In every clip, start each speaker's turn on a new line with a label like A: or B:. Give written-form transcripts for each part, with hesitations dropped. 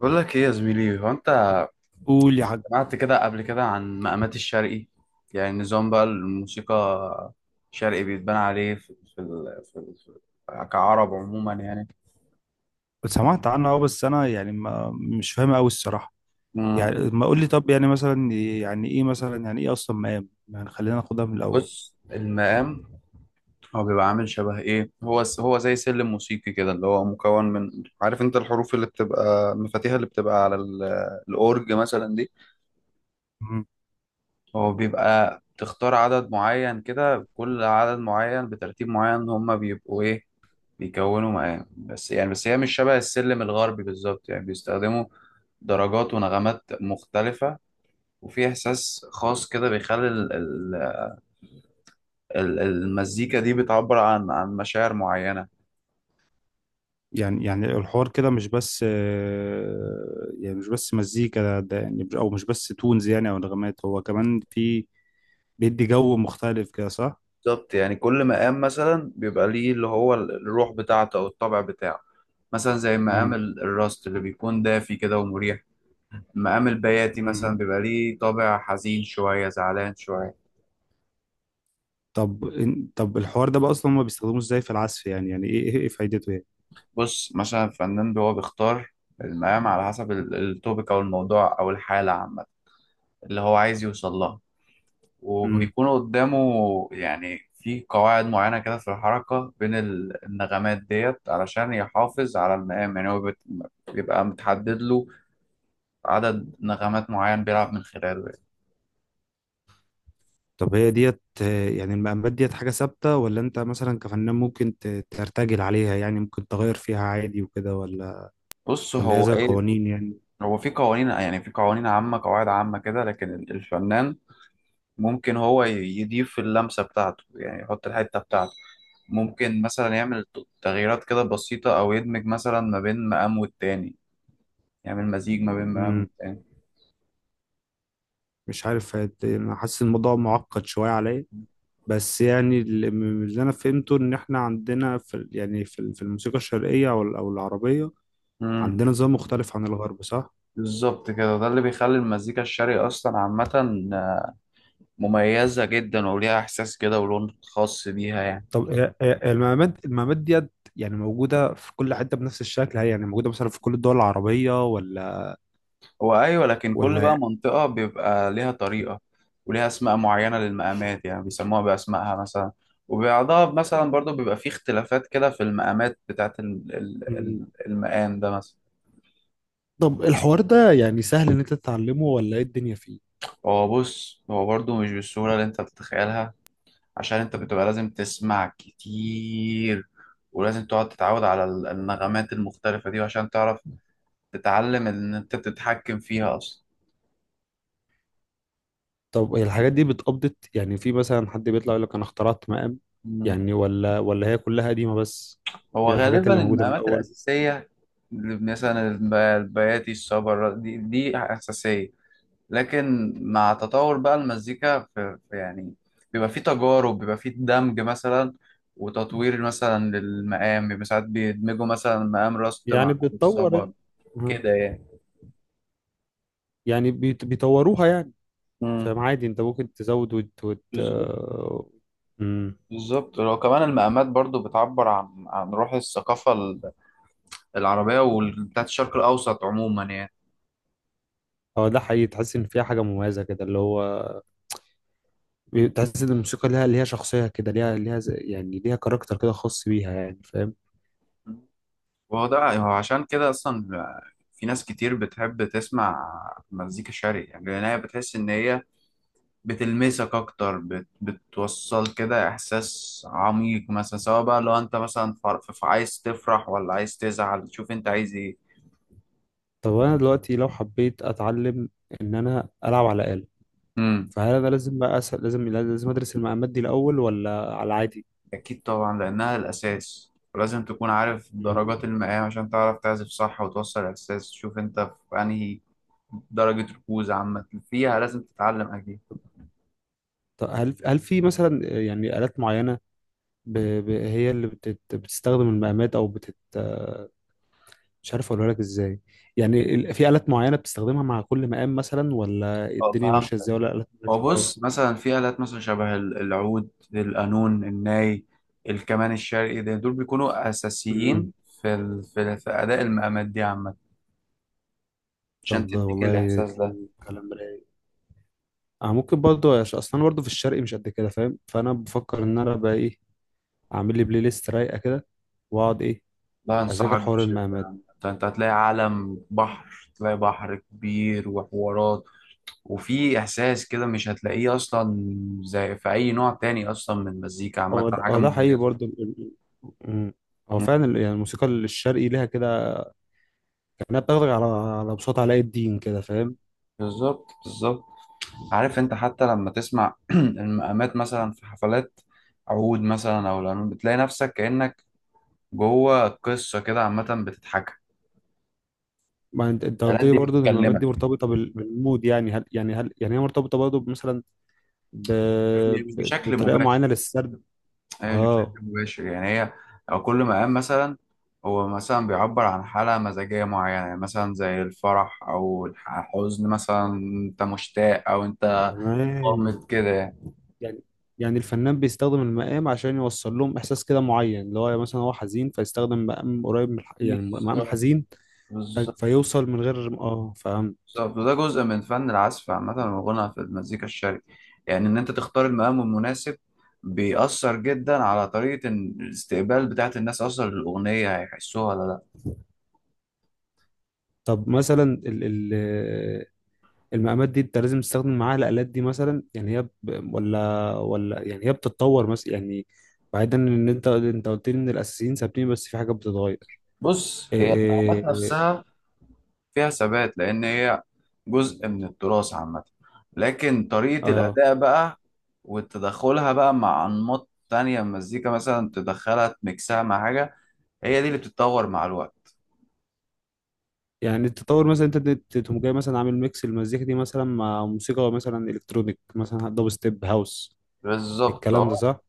A: بقول لك ايه يا زميلي؟ هو انت
B: قول يا حاج.
A: سمعت كده قبل كده عن مقامات الشرقي؟ يعني نظام بقى الموسيقى الشرقي بيتبنى عليه في كعرب عموما يعني.
B: سمعت عنها، بس انا يعني ما مش فاهمها قوي الصراحه.
A: مم.
B: يعني ما قول لي، طب يعني مثلا، يعني ايه مثلا؟ يعني ايه اصلا مقام؟ يعني خلينا ناخدها من الاول.
A: بص، المقام هو بيبقى عامل شبه ايه؟ هو زي سلم موسيقي كده، اللي هو مكون من، عارف انت الحروف اللي بتبقى مفاتيحها اللي بتبقى على الاورج مثلا دي.
B: مم.
A: هو بيبقى تختار عدد معين كده، كل عدد معين بترتيب معين هما بيبقوا ايه؟ بيكونوا معاه بس يعني، بس هي مش شبه السلم الغربي بالظبط، يعني بيستخدموا درجات ونغمات مختلفة. وفي إحساس خاص كده بيخلي المزيكا دي بتعبر عن مشاعر معينة.
B: يعني الحوار كده مش بس، يعني مش بس مزيكا، ده يعني او مش بس تونز، يعني او نغمات، هو كمان في بيدي جو مختلف كده، صح؟
A: بالظبط، يعني كل مقام مثلا بيبقى ليه اللي هو الروح بتاعته أو الطبع بتاعه. مثلا زي مقام
B: مم.
A: الراست اللي بيكون دافي كده ومريح. مقام البياتي
B: مم.
A: مثلا بيبقى ليه طابع حزين شوية، زعلان شوية.
B: طب الحوار ده بقى اصلا هما بيستخدموه ازاي في العزف؟ يعني ايه ايه إيه فايدته؟
A: بص، مثلا الفنان هو بيختار المقام على حسب التوبيك او الموضوع او الحاله عامه، اللي هو عايز يوصل لها.
B: يعني.
A: وبيكون قدامه يعني في قواعد معينه كده في الحركه بين النغمات ديت علشان يحافظ على المقام. يعني هو بيبقى متحدد له عدد نغمات معين بيلعب من خلاله يعني.
B: طب هي ديت، يعني المقامات ديت حاجة ثابتة؟ ولا انت مثلا كفنان ممكن ترتجل عليها؟ يعني ممكن تغير فيها عادي وكده، ولا؟
A: بص
B: ولا هي
A: هو
B: زي
A: ايه،
B: قوانين يعني؟
A: هو في قوانين، يعني في قوانين عامه، قواعد عامه كده، لكن الفنان ممكن هو يضيف اللمسة بتاعته، يعني يحط الحتة بتاعته. ممكن مثلا يعمل تغييرات كده بسيطة، أو يدمج مثلا ما بين مقام والتاني، يعمل مزيج ما بين مقام
B: مم.
A: والتاني.
B: مش عارف، انا حاسس الموضوع معقد شوية عليا. بس يعني، اللي من اللي انا فهمته ان احنا عندنا يعني في الموسيقى الشرقية او العربية،
A: مم.
B: عندنا نظام مختلف عن الغرب، صح؟
A: بالظبط كده، ده اللي بيخلي المزيكا الشرقي أصلا عامة مميزة جدا، وليها إحساس كده ولون خاص بيها يعني.
B: طب المقامات ديت يعني موجودة في كل حتة بنفس الشكل؟ هي يعني موجودة مثلا في كل الدول العربية ولا؟
A: هو أيوة، لكن كل بقى منطقة بيبقى ليها طريقة وليها أسماء معينة للمقامات، يعني بيسموها بأسمائها مثلا. وبعضها مثلا برضو بيبقى فيه اختلافات كده في المقامات بتاعة
B: ولا
A: المقام ده مثلا.
B: طب الحوار ده يعني سهل ان انت تتعلمه؟ ولا ايه الدنيا فيه؟
A: هو بص، هو برضو مش بالسهولة اللي أنت بتتخيلها، عشان أنت بتبقى لازم تسمع كتير، ولازم تقعد تتعود على النغمات المختلفة دي عشان تعرف تتعلم إن أنت تتحكم فيها
B: طب هي الحاجات دي بتقبضت؟ يعني في مثلا حد بيطلع يقول لك انا اخترعت مقام؟
A: أصلا.
B: يعني ولا، هي كلها قديمة بس؟
A: هو
B: دي الحاجات اللي
A: غالبا
B: موجودة من
A: المقامات
B: الاول.
A: الأساسية اللي مثلا البياتي، الصبر، دي أساسية. لكن مع تطور بقى المزيكا في يعني بيبقى فيه تجارب، بيبقى فيه دمج مثلا وتطوير مثلا للمقام. بيبقى ساعات بيدمجوا مثلا مقام راست
B: يعني
A: مع
B: بتطور
A: الصبر
B: ال- مم.
A: كده يعني.
B: يعني بيطوروها يعني.
A: امم
B: فاهم، عادي انت ممكن تزود وت وت
A: بالظبط
B: آه، مم.
A: بالظبط. لو كمان المقامات برضو بتعبر عن روح الثقافة العربية بتاعت الشرق الأوسط عموما يعني.
B: هو ده حقيقي، تحس ان فيها حاجة مميزة كده، اللي هو تحس ان الموسيقى ليها، شخصية كده، ليها، يعني ليها كاركتر كده خاص بيها يعني، فاهم؟
A: وهو ده، هو عشان كده أصلا في ناس كتير بتحب تسمع مزيكا شرقي، يعني لأن هي بتحس إن هي بتلمسك أكتر، بتوصل كده إحساس عميق مثلا. سواء بقى لو أنت مثلا عايز تفرح ولا عايز تزعل، شوف أنت عايز إيه.
B: طب انا دلوقتي لو حبيت اتعلم ان انا العب على آلة،
A: امم
B: فهل انا لازم بقى أسأل، لازم ادرس المقامات دي الاول؟ ولا على عادي؟
A: أكيد طبعا، لأنها الأساس، ولازم تكون عارف
B: مم.
A: درجات المقام عشان تعرف تعزف صح وتوصل الإحساس. شوف أنت في أنهي درجة ركوز عامة فيها. لازم تتعلم أكيد.
B: طب هل في مثلا يعني آلات معينة، هي اللي بتستخدم المقامات او بتت مش عارف اقولها لك ازاي. يعني في آلات معينة بتستخدمها مع كل مقام مثلا؟ ولا
A: أه،
B: الدنيا ماشية
A: فهمتك.
B: ازاي؟ ولا آلات مالهاش
A: هو
B: دعوة؟
A: بص، مثلا في آلات مثلا شبه العود، القانون، الناي، الكمان الشرقي. ده دول بيكونوا
B: مم.
A: أساسيين في في أداء المقامات دي عامة، عشان
B: طب ده
A: تديك
B: والله
A: الإحساس ده.
B: كلام كلام رايق. اه ممكن برضه، عشان اصلا برضه في الشرق مش قد كده فاهم، فانا بفكر ان انا بقى ايه، اعمل لي بلاي ليست رايقه كده، واقعد ايه،
A: لا،
B: اذاكر
A: أنصحك
B: حوار
A: بشدة
B: المقامات.
A: يعني. أنت هتلاقي عالم بحر، تلاقي بحر كبير وحوارات. وفي إحساس كده مش هتلاقيه أصلا زي في أي نوع تاني أصلا من المزيكا عامة،
B: هو ده
A: حاجة
B: هو ده حقيقي
A: مميزة.
B: برضه. مم. هو
A: مم.
B: فعلا يعني الموسيقى الشرقي ليها كده، كانها بتاخدك على بساط علاء الدين كده، فاهم؟
A: بالظبط بالظبط. عارف انت حتى لما تسمع المقامات مثلا في حفلات عود مثلا او القانون، بتلاقي نفسك كأنك جوه قصة كده عامة بتضحكها.
B: ما انت قلت
A: الآلات
B: لي
A: دي
B: برضه ان المقامات
A: بتكلمك،
B: دي مرتبطه بالمود، يعني هل يعني هل يعني هي مرتبطه برضه مثلا، ب...
A: مش بشكل
B: بطريقه
A: مباشر.
B: معينه للسرد؟
A: هي مش بشكل
B: اه،
A: مباشر يعني، هي لو كل مقام مثلا هو مثلا بيعبر عن حالة مزاجية معينة. يعني مثلا زي الفرح أو الحزن مثلا، أنت مشتاق أو أنت
B: تمام.
A: قامت كده يعني.
B: يعني يعني الفنان بيستخدم المقام عشان يوصل لهم احساس كده معين، اللي هو مثلا هو حزين، فيستخدم مقام قريب من يعني مقام
A: بالظبط،
B: حزين،
A: بالظبط،
B: فيوصل من غير، فاهم؟
A: بالظبط. وده جزء من فن العزف عامة والغنى في المزيكا الشرقي، يعني إن أنت تختار المقام المناسب بيأثر جدا على طريقة الاستقبال بتاعة الناس أصلا للأغنية، هيحسوها ولا لأ.
B: طب مثلا ال ال المقامات دي انت لازم تستخدم معاها الآلات دي مثلا؟ يعني هي. ولا يعني هي بتتطور مثلا يعني، بعيدا ان انت قلت لي ان الاساسيين ثابتين بس في حاجات بتتغير.
A: بص،
B: إيه،
A: هي المقامات
B: إيه، إيه.
A: نفسها فيها ثبات، لأن هي جزء من التراث عامة. لكن طريقة
B: اه.
A: الأداء بقى وتدخلها بقى مع أنماط تانية من المزيكا، مثلا تدخلها تميكسها مع حاجة، هي دي اللي بتتطور مع الوقت.
B: يعني التطور مثلا انت تقوم جاي مثلا عامل ميكس المزيكا دي مثلا مع موسيقى مثلا الكترونيك، مثلا دب ستيب، هاوس؟
A: بالظبط.
B: الكلام ده صح؟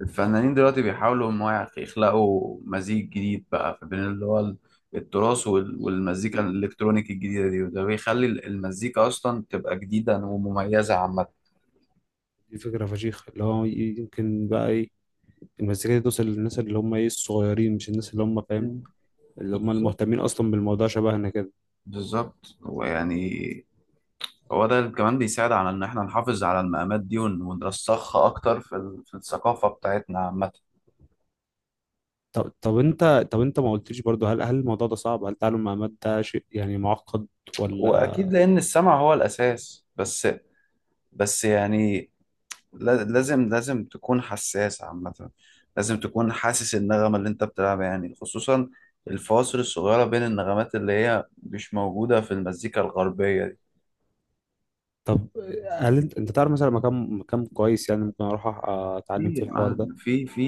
A: الفنانين دلوقتي بيحاولوا ان هو يخلقوا مزيج جديد بقى بين اللي هو التراث والمزيكا الالكترونيك الجديده دي، وده بيخلي المزيكا اصلا تبقى جديده ومميزه عامه.
B: دي فكرة فشيخة، اللي هو يمكن بقى ايه، المزيكا دي توصل للناس اللي هم ايه الصغيرين، مش الناس اللي هم فاهم،
A: مم.
B: اللي هم
A: بالظبط
B: المهتمين اصلا بالموضوع شبهنا كده.
A: بالظبط. ويعني هو ده اللي كمان بيساعد على ان احنا نحافظ على المقامات دي ونرسخها اكتر في في الثقافه بتاعتنا عامه.
B: طب طب انت طب انت ما قلتليش برضو، هل الموضوع ده صعب؟ هل تعلم مع مات ده شيء يعني معقد، ولا؟
A: واكيد، لان السمع هو الاساس، بس بس يعني لازم تكون حساس عامة، لازم تكون حاسس النغمة اللي انت بتلعبها، يعني خصوصا الفواصل الصغيرة بين النغمات اللي هي مش موجودة في المزيكا الغربية.
B: طب هل انت, تعرف مثلا مكان كويس يعني ممكن اروح
A: دي
B: اتعلم فيه الحوار ده؟
A: في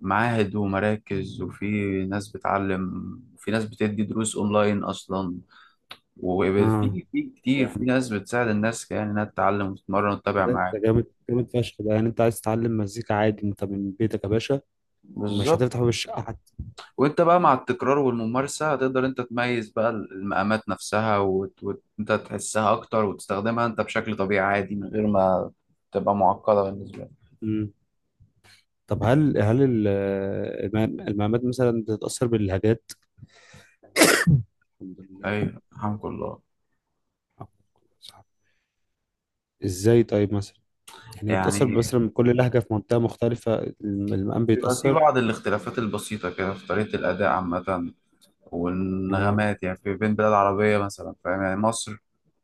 A: معاهد ومراكز، وفي ناس بتعلم، وفي ناس بتدي دروس اونلاين اصلا، وفي
B: اه،
A: كتير، في
B: يعني
A: ناس بتساعد الناس يعني انها تتعلم وتتمرن وتتابع
B: ده
A: معاك.
B: انت جامد جامد فشخ. ده يعني انت عايز تتعلم مزيكا عادي انت من بيتك يا باشا، مش
A: بالظبط.
B: هتفتح باب الشقه حتى.
A: وانت بقى مع التكرار والممارسة هتقدر انت تميز بقى المقامات نفسها، وانت انت تحسها اكتر وتستخدمها انت بشكل طبيعي عادي، من غير ما تبقى معقدة بالنسبة لك.
B: مم. طب المقامات مثلا بتتأثر باللهجات؟ الحمد لله.
A: ايوه، الحمد لله.
B: ازاي طيب مثلا؟ يعني هي بتأثر
A: يعني
B: بس لما كل لهجة في منطقة مختلفة، المقام
A: بيبقى في
B: بيتأثر؟
A: بعض الاختلافات البسيطة كده في طريقة الأداء عامة
B: آه.
A: والنغمات، يعني في بين بلاد عربية مثلا فاهم، يعني مصر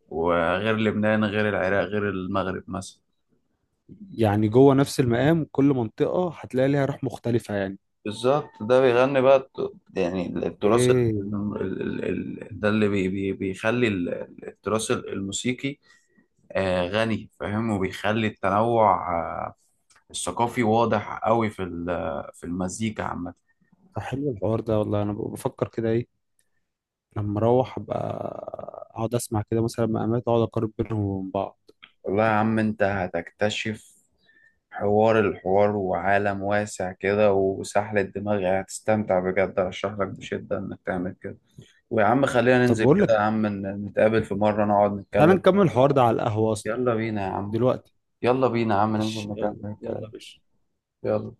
A: وغير لبنان غير العراق غير المغرب مثلا.
B: يعني جوه نفس المقام كل منطقة هتلاقي ليها روح مختلفة يعني؟
A: بالظبط، ده بيغني بقى يعني التراث
B: ايه.
A: ال- ال- ده اللي بي بي بيخلي التراث الموسيقي غني فاهم، وبيخلي التنوع الثقافي واضح قوي في في المزيكا عامة.
B: طب حلو الحوار ده، والله انا بفكر كده ايه، لما اروح ابقى اقعد اسمع كده مثلا مقامات، اقعد اقارن بينهم وبين بعض.
A: والله يا عم، انت هتكتشف حوار الحوار وعالم واسع كده وسحلة دماغي، هتستمتع بجد. ارشح لك بشدة انك تعمل كده. ويا عم خلينا
B: طب
A: ننزل
B: بقول
A: كده يا
B: لك،
A: عم، نتقابل في مرة نقعد
B: تعالى
A: نتكلم.
B: نكمل الحوار ده على القهوة اصلا
A: يلا بينا يا عم.
B: دلوقتي.
A: يلا بينا يا عم ننزل
B: إيش يلا.
A: نكمل
B: يلا يا
A: الكلام.
B: باشا.
A: يلا